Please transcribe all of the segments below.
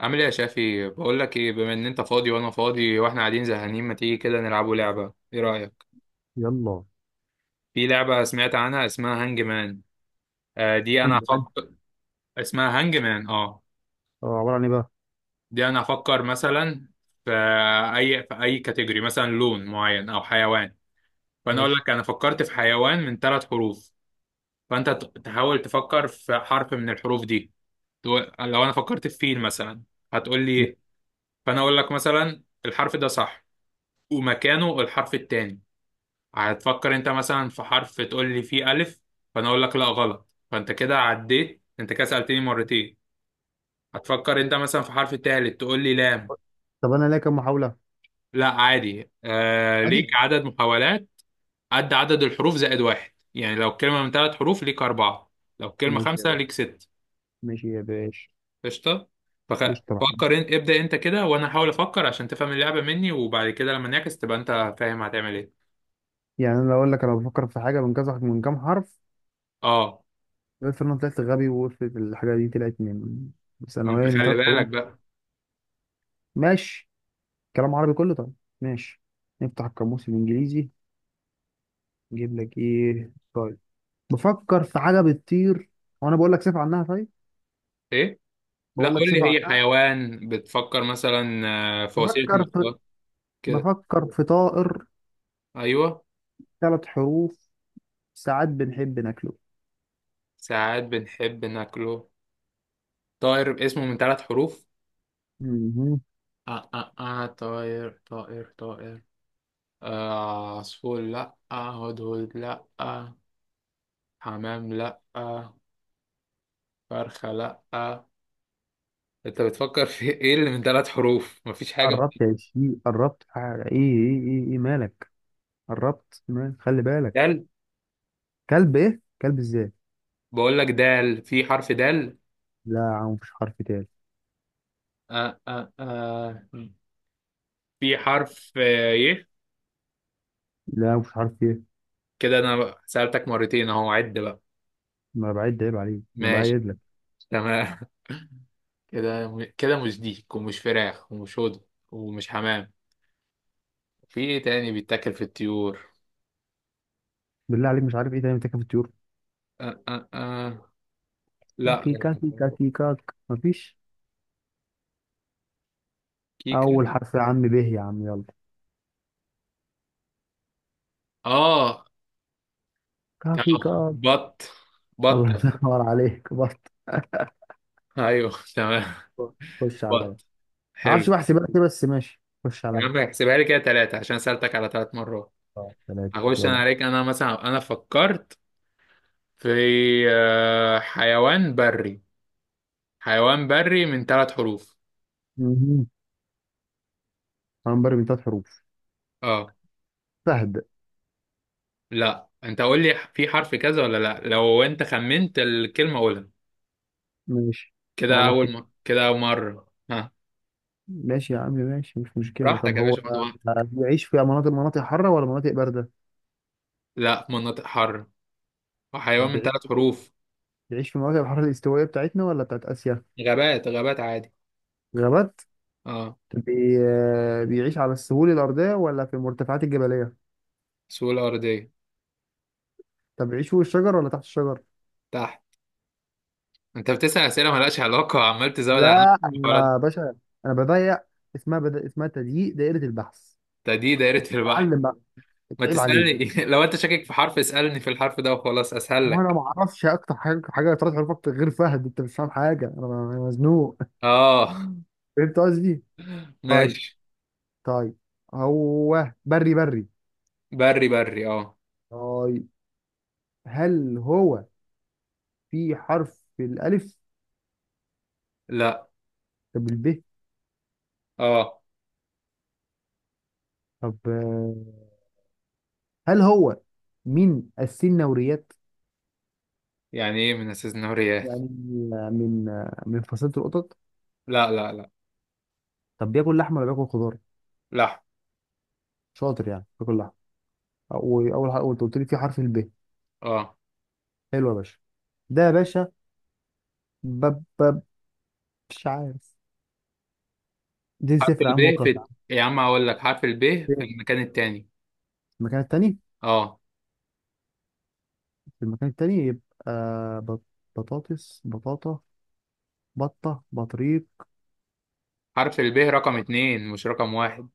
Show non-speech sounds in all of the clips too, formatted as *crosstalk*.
عامل ايه يا شافي؟ بقول لك ايه، بما ان انت فاضي وانا فاضي واحنا قاعدين زهقانين، ما تيجي كده نلعبوا لعبه؟ ايه رايك؟ يلا. في لعبه سمعت عنها اسمها هانج مان. آه، دي انا هنجي انا. هفكر. اسمها هانج مان. اه، اه، عبارة عن ايه بقى. دي انا هفكر مثلا في في اي كاتيجوري، مثلا لون معين او حيوان. فانا اقول ماشي لك انا فكرت في حيوان من ثلاث حروف. فانت تحاول تفكر في حرف من الحروف دي. لو انا فكرت في فيل مثلا، هتقول لي ماشي. ايه؟ فانا اقول لك مثلا الحرف ده صح، ومكانه الحرف التاني. هتفكر انت مثلا في حرف تقول لي فيه الف. فانا اقول لك لا غلط، فانت كده عديت، انت كده سألتني مرتين. هتفكر انت مثلا في حرف تالت تقول لي لام. طب انا ليا كام محاولة؟ لا عادي، ليك عادي. عدد محاولات قد عدد الحروف زائد واحد. يعني لو كلمة من ثلاث حروف ليك أربعة، لو كلمة ماشي يا خمسة باشا. ليك ست. ماشي يا باشا. قشطة. فخ... قشطة يا فكر محمد. انت، ابدأ انت كده وانا هحاول افكر عشان تفهم اللعبة مني، وبعد كده لما نعكس تبقى انت فاهم هتعمل ايه. يعني انا لو اقول لك انا بفكر في حاجة من كام حرف. اه، قلت انا طلعت غبي وقلت الحاجة دي طلعت من ما انت ثانوية من خلي ثلاث بالك حروف. بقى. ماشي. كلام عربي كله طيب. ماشي. نفتح القاموس الانجليزي. نجيب لك ايه طيب؟ بفكر في حاجة بتطير، وانا بقول لك صفة عنها. طيب، ايه؟ لا، بقول لك قول لي صفة هي عنها. حيوان بتفكر مثلا، في وسيلة بفكر في مواصلات. كده. بفكر في طائر. ايوه، ثلاث حروف. ساعات بنحب ناكله. ساعات بنحب ناكله. طائر اسمه من ثلاث حروف. مهم. طائر طائر طائر. عصفور؟ لا. هدهد؟ لا. حمام؟ لا. فرخة؟ لا. انت بتفكر في ايه اللي من ثلاث حروف؟ مفيش حاجة من قربت يا شيخ، قربت. ايه ايه ايه ايه مالك؟ قربت مالك. خلي بالك. دال. كلب؟ ايه كلب ازاي؟ بقول لك دال، في حرف دال؟ لا يا عم، مفيش حرف تاني. آه آه آه في حرف ي. لا يا عم، مفيش حرف ايه. كده انا سألتك مرتين اهو، عد بقى. ما أنا بعد، عيب عليك، انا ماشي. بايد لك. تمام. *laughs* كده. كده مش ديك ومش فراخ ومش هدى ومش حمام. في ايه تاني بيتاكل في الطيور؟ بالله عليك مش عارف ايه تاني بتاكل في الطيور؟ أه أه أه. لا. كاكي كاكي كاكي كاك مفيش. كيكة؟ اول حرف يا عم به، يا عم يلا. اه. كاكي تمام. كاك. بط. *laughs* الله، بطة. ينور عليك بط. ايوه تمام. بط. خش عليا. بط. معرفش حلو. بحسب لك ايه، بس ماشي، خش يا عليا. عم احسبها لي كده ثلاثة عشان سألتك على ثلاث مرات. اه، ثلاثة، هخش انا يلا. عليك. انا مثلا انا فكرت في حيوان بري. حيوان بري من ثلاث حروف. مهم. هنبرم من ثلاث حروف. اه. سهل. لا، انت قول لي في حرف كذا ولا لا، لو انت خمنت الكلمة قولها. ماشي. اقول لك. كده اول مرة ها. ماشي يا عم، ماشي، مش مشكله. طب براحتك يا هو باشا، خد وقت. بيعيش في مناطق حاره ولا مناطق بارده؟ لا، مناطق حر. طب وحيوان من بيعيش ثلاث حروف. بيعيش في مناطق الحاره الاستوائيه بتاعتنا ولا بتاعت اسيا؟ غابات، غابات عادي. غابات. اه. طب بيعيش على السهول الارضيه ولا في المرتفعات الجبليه؟ سهولة أرضية. طب بيعيش فوق الشجر ولا تحت الشجر؟ تحت. انت بتسأل أسئلة مالهاش علاقة وعمال تزود على لا نفسك غلط. انا يا باشا، انا بضيق. اسمها تضييق دائره البحث. ده دي دايرة البحر. اتعلم بقى، ما اتعيب تسألني. عليك. *laughs* لو انت شاكك في حرف اسألني في الحرف ده وخلاص، اسهل وانا لك. ما اعرفش اكتر حاجه حاجه ثلاث حروف اكتر غير فهد، انت مش فاهم حاجه، انا مزنوق. اه، فهمت قصدي؟ طيب. ماشي. طيب. هو بري بري؟ بري بري، اه. طيب. هل هو في حرف الألف؟ لا. طب الب. اه. طب هل هو من السنوريات؟ يعني ايه من اساس النهر ياه. يعني من فصيلة القطط. لا لا لا. طب بياكل لحم ولا بياكل خضار؟ لحم. شاطر، يعني بياكل لحم. وأول حاجة قلت لي في حرف الب. اه. حلو يا باشا. ده يا باشا. بب بب. مش عارف. دي حرف صفر يا عم الب وخلاص يا عم. في، يا عم هقول لك حرف الب في فين؟ المكان التاني. في المكان التاني. اه. في المكان التاني يبقى بط-. بطاطس بطاطا بطة بطريق. حرف الب رقم اتنين مش رقم واحد.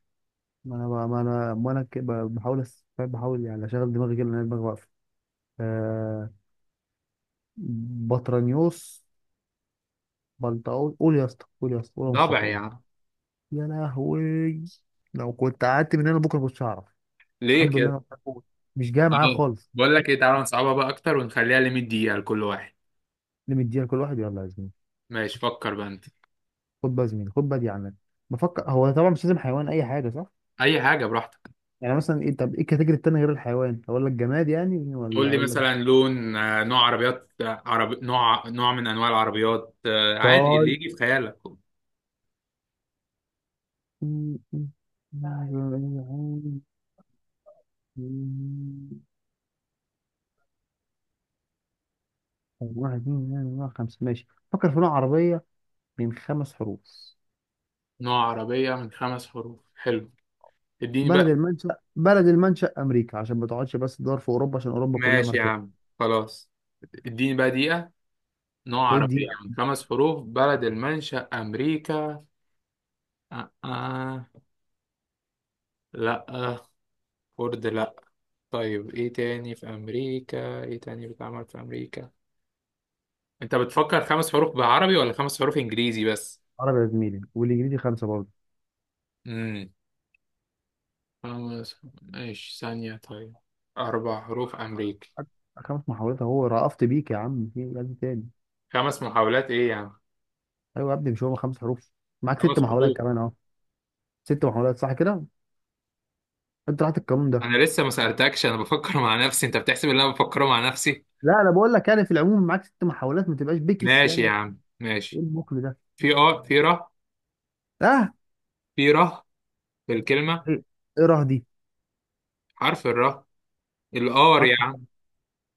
ما انا بحاول فاهم؟ بحاول يعني اشغل دماغي كده لان أنا دماغي واقفه. آه بطرانيوس بلطاوي، قول يا اسطى، قول يا اسطى، قول يا مصطفى، ضبع يا قول. عم. يا لهوي. لو كنت قعدت من هنا بكره كنتش هعرف. ليه الحمد لله كده؟ انا بقول. مش جاي معايا اه. خالص. بقول لك ايه، تعالى نصعبها بقى اكتر ونخليها لمية دقيقة لكل واحد. اللي مدينا كل واحد، يلا يا زميلي. ماشي، فكر بقى انت. خد بقى يا زميلي، خد بقى دي عنك. بفكر. هو طبعا مش لازم حيوان، اي حاجه صح؟ اي حاجة براحتك. يعني مثلا ايه؟ طب ايه الكاتيجوري التاني غير الحيوان؟ اقول لك جماد يعني ولا قول لي اقول لك؟ مثلا لون، نوع عربيات، عربي، نوع من انواع العربيات، عادي اللي يجي في خيالك. طيب. واحد اتنين تلاتة أربعة خمسة، ماشي. فكر في نوع عربية من خمس حروف. نوع عربية من خمس حروف، حلو. اديني بلد بقى. المنشأ بلد المنشأ أمريكا، عشان ما تقعدش بس تدور في أوروبا، عشان أوروبا كلها ماشي يا ماركات. عم. خلاص. اديني بقى دقيقة. نوع خد دي. عربية من خمس حروف، بلد المنشأ أمريكا. آه. آه. لأ. فورد لأ. طيب إيه تاني في أمريكا؟ إيه تاني بيتعمل في أمريكا؟ أنت بتفكر خمس حروف بعربي ولا خمس حروف إنجليزي بس؟ عربي يا زميلي، والإنجليزي خمسة برضه. امم خمس، ماشي ثانية. طيب، أربع حروف أمريكي. أك- خمس محاولات أهو، رأفت بيك يا عم. في إيه يا ابني تاني؟ خمس محاولات إيه يعني؟ أيوة يا ابني، مش هو خمس حروف؟ معاك ست خمس حروف. محاولات كمان أهو. ست محاولات صح كده. أنت راحت القانون ده. أنا لسه ما سألتكش، أنا بفكر مع نفسي. أنت بتحسب إن أنا بفكره مع نفسي؟ لا أنا بقول لك يعني في العموم معاك ست محاولات، ما تبقاش بكس ماشي يا يعني. عم إيه ماشي. المقل ده؟ في ر أه. في ر في الكلمة. إيه إيه راه دي؟ حرف الر، الار حرف. يعني.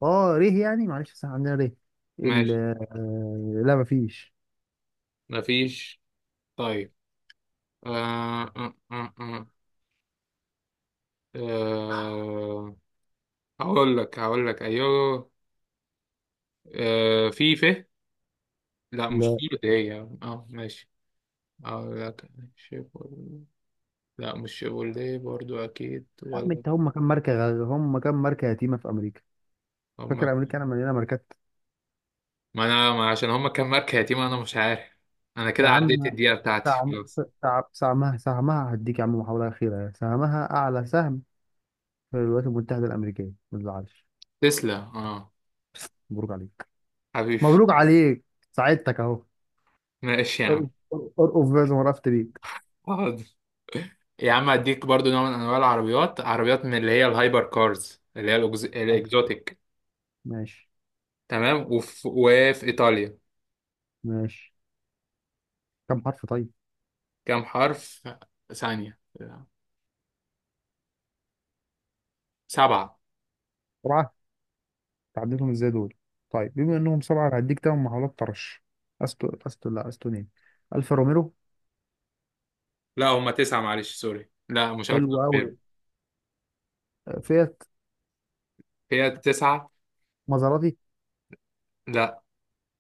اه ريه، يعني معلش بس عندنا ريه ال. ماشي. لا مفيش. مفيش. طيب. آه آه آه آه. آه، هقول لك ايوه. في ف. لا، مش لا في اللي هي. اه ماشي. هقول لك. شيبول. لا مش شيبول دي برضو، اكيد يا عم، ولا. انت هم كام ماركه يتيمه في امريكا؟ هم. فاكر امريكا انا مليانه ماركات؟ ما انا ما عشان هم كام ماركه يا تيمة، انا مش عارف. انا يا كده عديت عم. الدقيقه بتاعتي سعم خلاص. سعم سعمها سهمها. هديك يا عم محاوله اخيره. سهمها اعلى سهم في الولايات المتحده الامريكيه، ما تزعلش. تسلا، اه. مبروك عليك. حبيبي. مبروك عليك. ساعدتك اهو. ماشي يا عم. ارقف ارقف ارقف بقى، زي ما رفت بيك. آه، يا عم اديك برضو نوع من انواع العربيات، عربيات من اللي هي الهايبر كارز، اللي هي الاكزوتيك. ماشي. تمام. وفي ايطاليا. ماشي. كم حرف طيب؟ كام حرف؟ ثانية. سبعة. تعديلهم ازاي دول؟ طيب بما انهم سبعه أنا هديك تمن محاولات طرش. استو استو لا استونين. الفا روميرو. لا هما تسعة معلش سوري. لا مش عارف. حلو قوي. أعمل. فيات. هي تسعة. مازراتي. لا.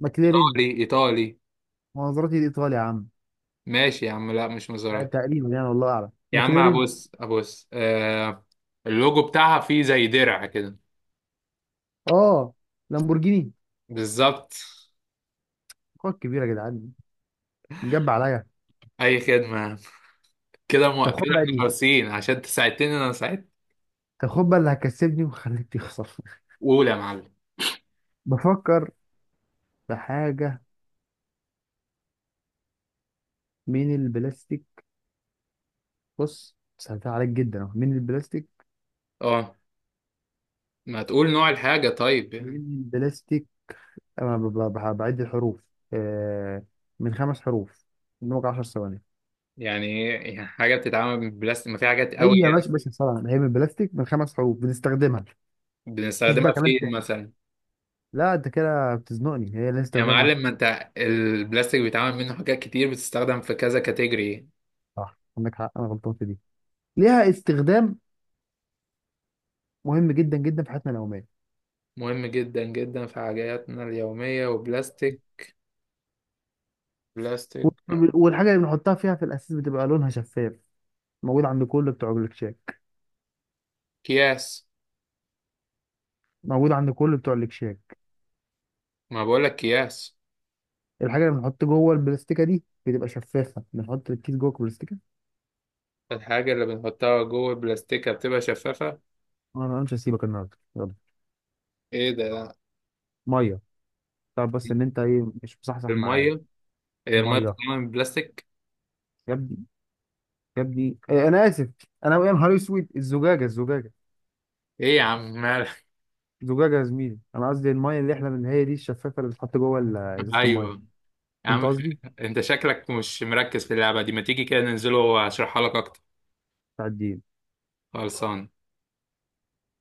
ماكلارين. ايطالي ايطالي. مازراتي الايطالي يا عم. ماشي يا عم، لا مش مزاراتي. تقريبا يعني والله اعلم يا عم ماكلارين. ابص ابص اللوجو بتاعها فيه زي درع كده. اه، لامبورجيني. بالظبط. خد كبيره يا جدعان. جاب عليا. اي خدمة. طب خد كده بقى احنا دي. خالصين عشان انت ساعدتني انا ساعدت. طب خد بقى اللي هكسبني وخليك تخسر. اولى يا معلم. *laughs* بفكر في حاجه من البلاستيك. بص سهلتها عليك جدا أهو. من البلاستيك. اه، ما تقول نوع الحاجة طيب من يعني. البلاستيك. أنا بعد الحروف. آه، من خمس حروف. قدامك 10 ثواني. يعني ايه؟ يعني حاجة بتتعمل من البلاستيك؟ ما في حاجات أي قوي يا يعني. باشا باشا سهلة، هي من بلاستيك من خمس حروف، بنستخدمها. مفيش بنستخدمها بقى كمان فين تاني؟ مثلا؟ لا أنت كده بتزنقني، هي لها يا استخدام معلم، واحد. ما انت البلاستيك بيتعمل منه حاجات كتير، بتستخدم في كذا كاتيجوري. صح عندك حق أنا غلطان في دي. ليها استخدام مهم جدا جدا في حياتنا اليومية. مهم جدا جدا في حاجاتنا اليومية. وبلاستيك. بلاستيك. والحاجة اللي بنحطها فيها في الأساس بتبقى لونها شفاف. موجود عند كل بتوع الكشاك. اكياس. موجود عند كل بتوع الكشاك. ما بقول لك اكياس. الحاجة اللي بنحط جوه البلاستيكة دي بتبقى شفافة، بنحط الكيس جوه البلاستيكة. الحاجة اللي بنحطها جوه البلاستيكة بتبقى شفافة. أنا مش هسيبك النهاردة، يلا. ايه ده؟ مية. تعرف بس ان انت ايه؟ مش مصحصح معايا. المية. هي المية الميه. بتتعمل من بلاستيك؟ يا ابني، يا ابني، إيه انا اسف. انا يا نهار اسود، الزجاجه الزجاجه. ايه يا عم مالك؟ الزجاجه يا زميلي، انا قصدي الميه اللي احنا من هي دي الشفافه اللي بتتحط جوه *laughs* ازازه الميه. ايوه يا فهمت عم. قصدي؟ *laughs* انت شكلك مش مركز في اللعبة دي، ما تيجي كده ننزله واشرحها لك اكتر. بتاع الدين. خلصان.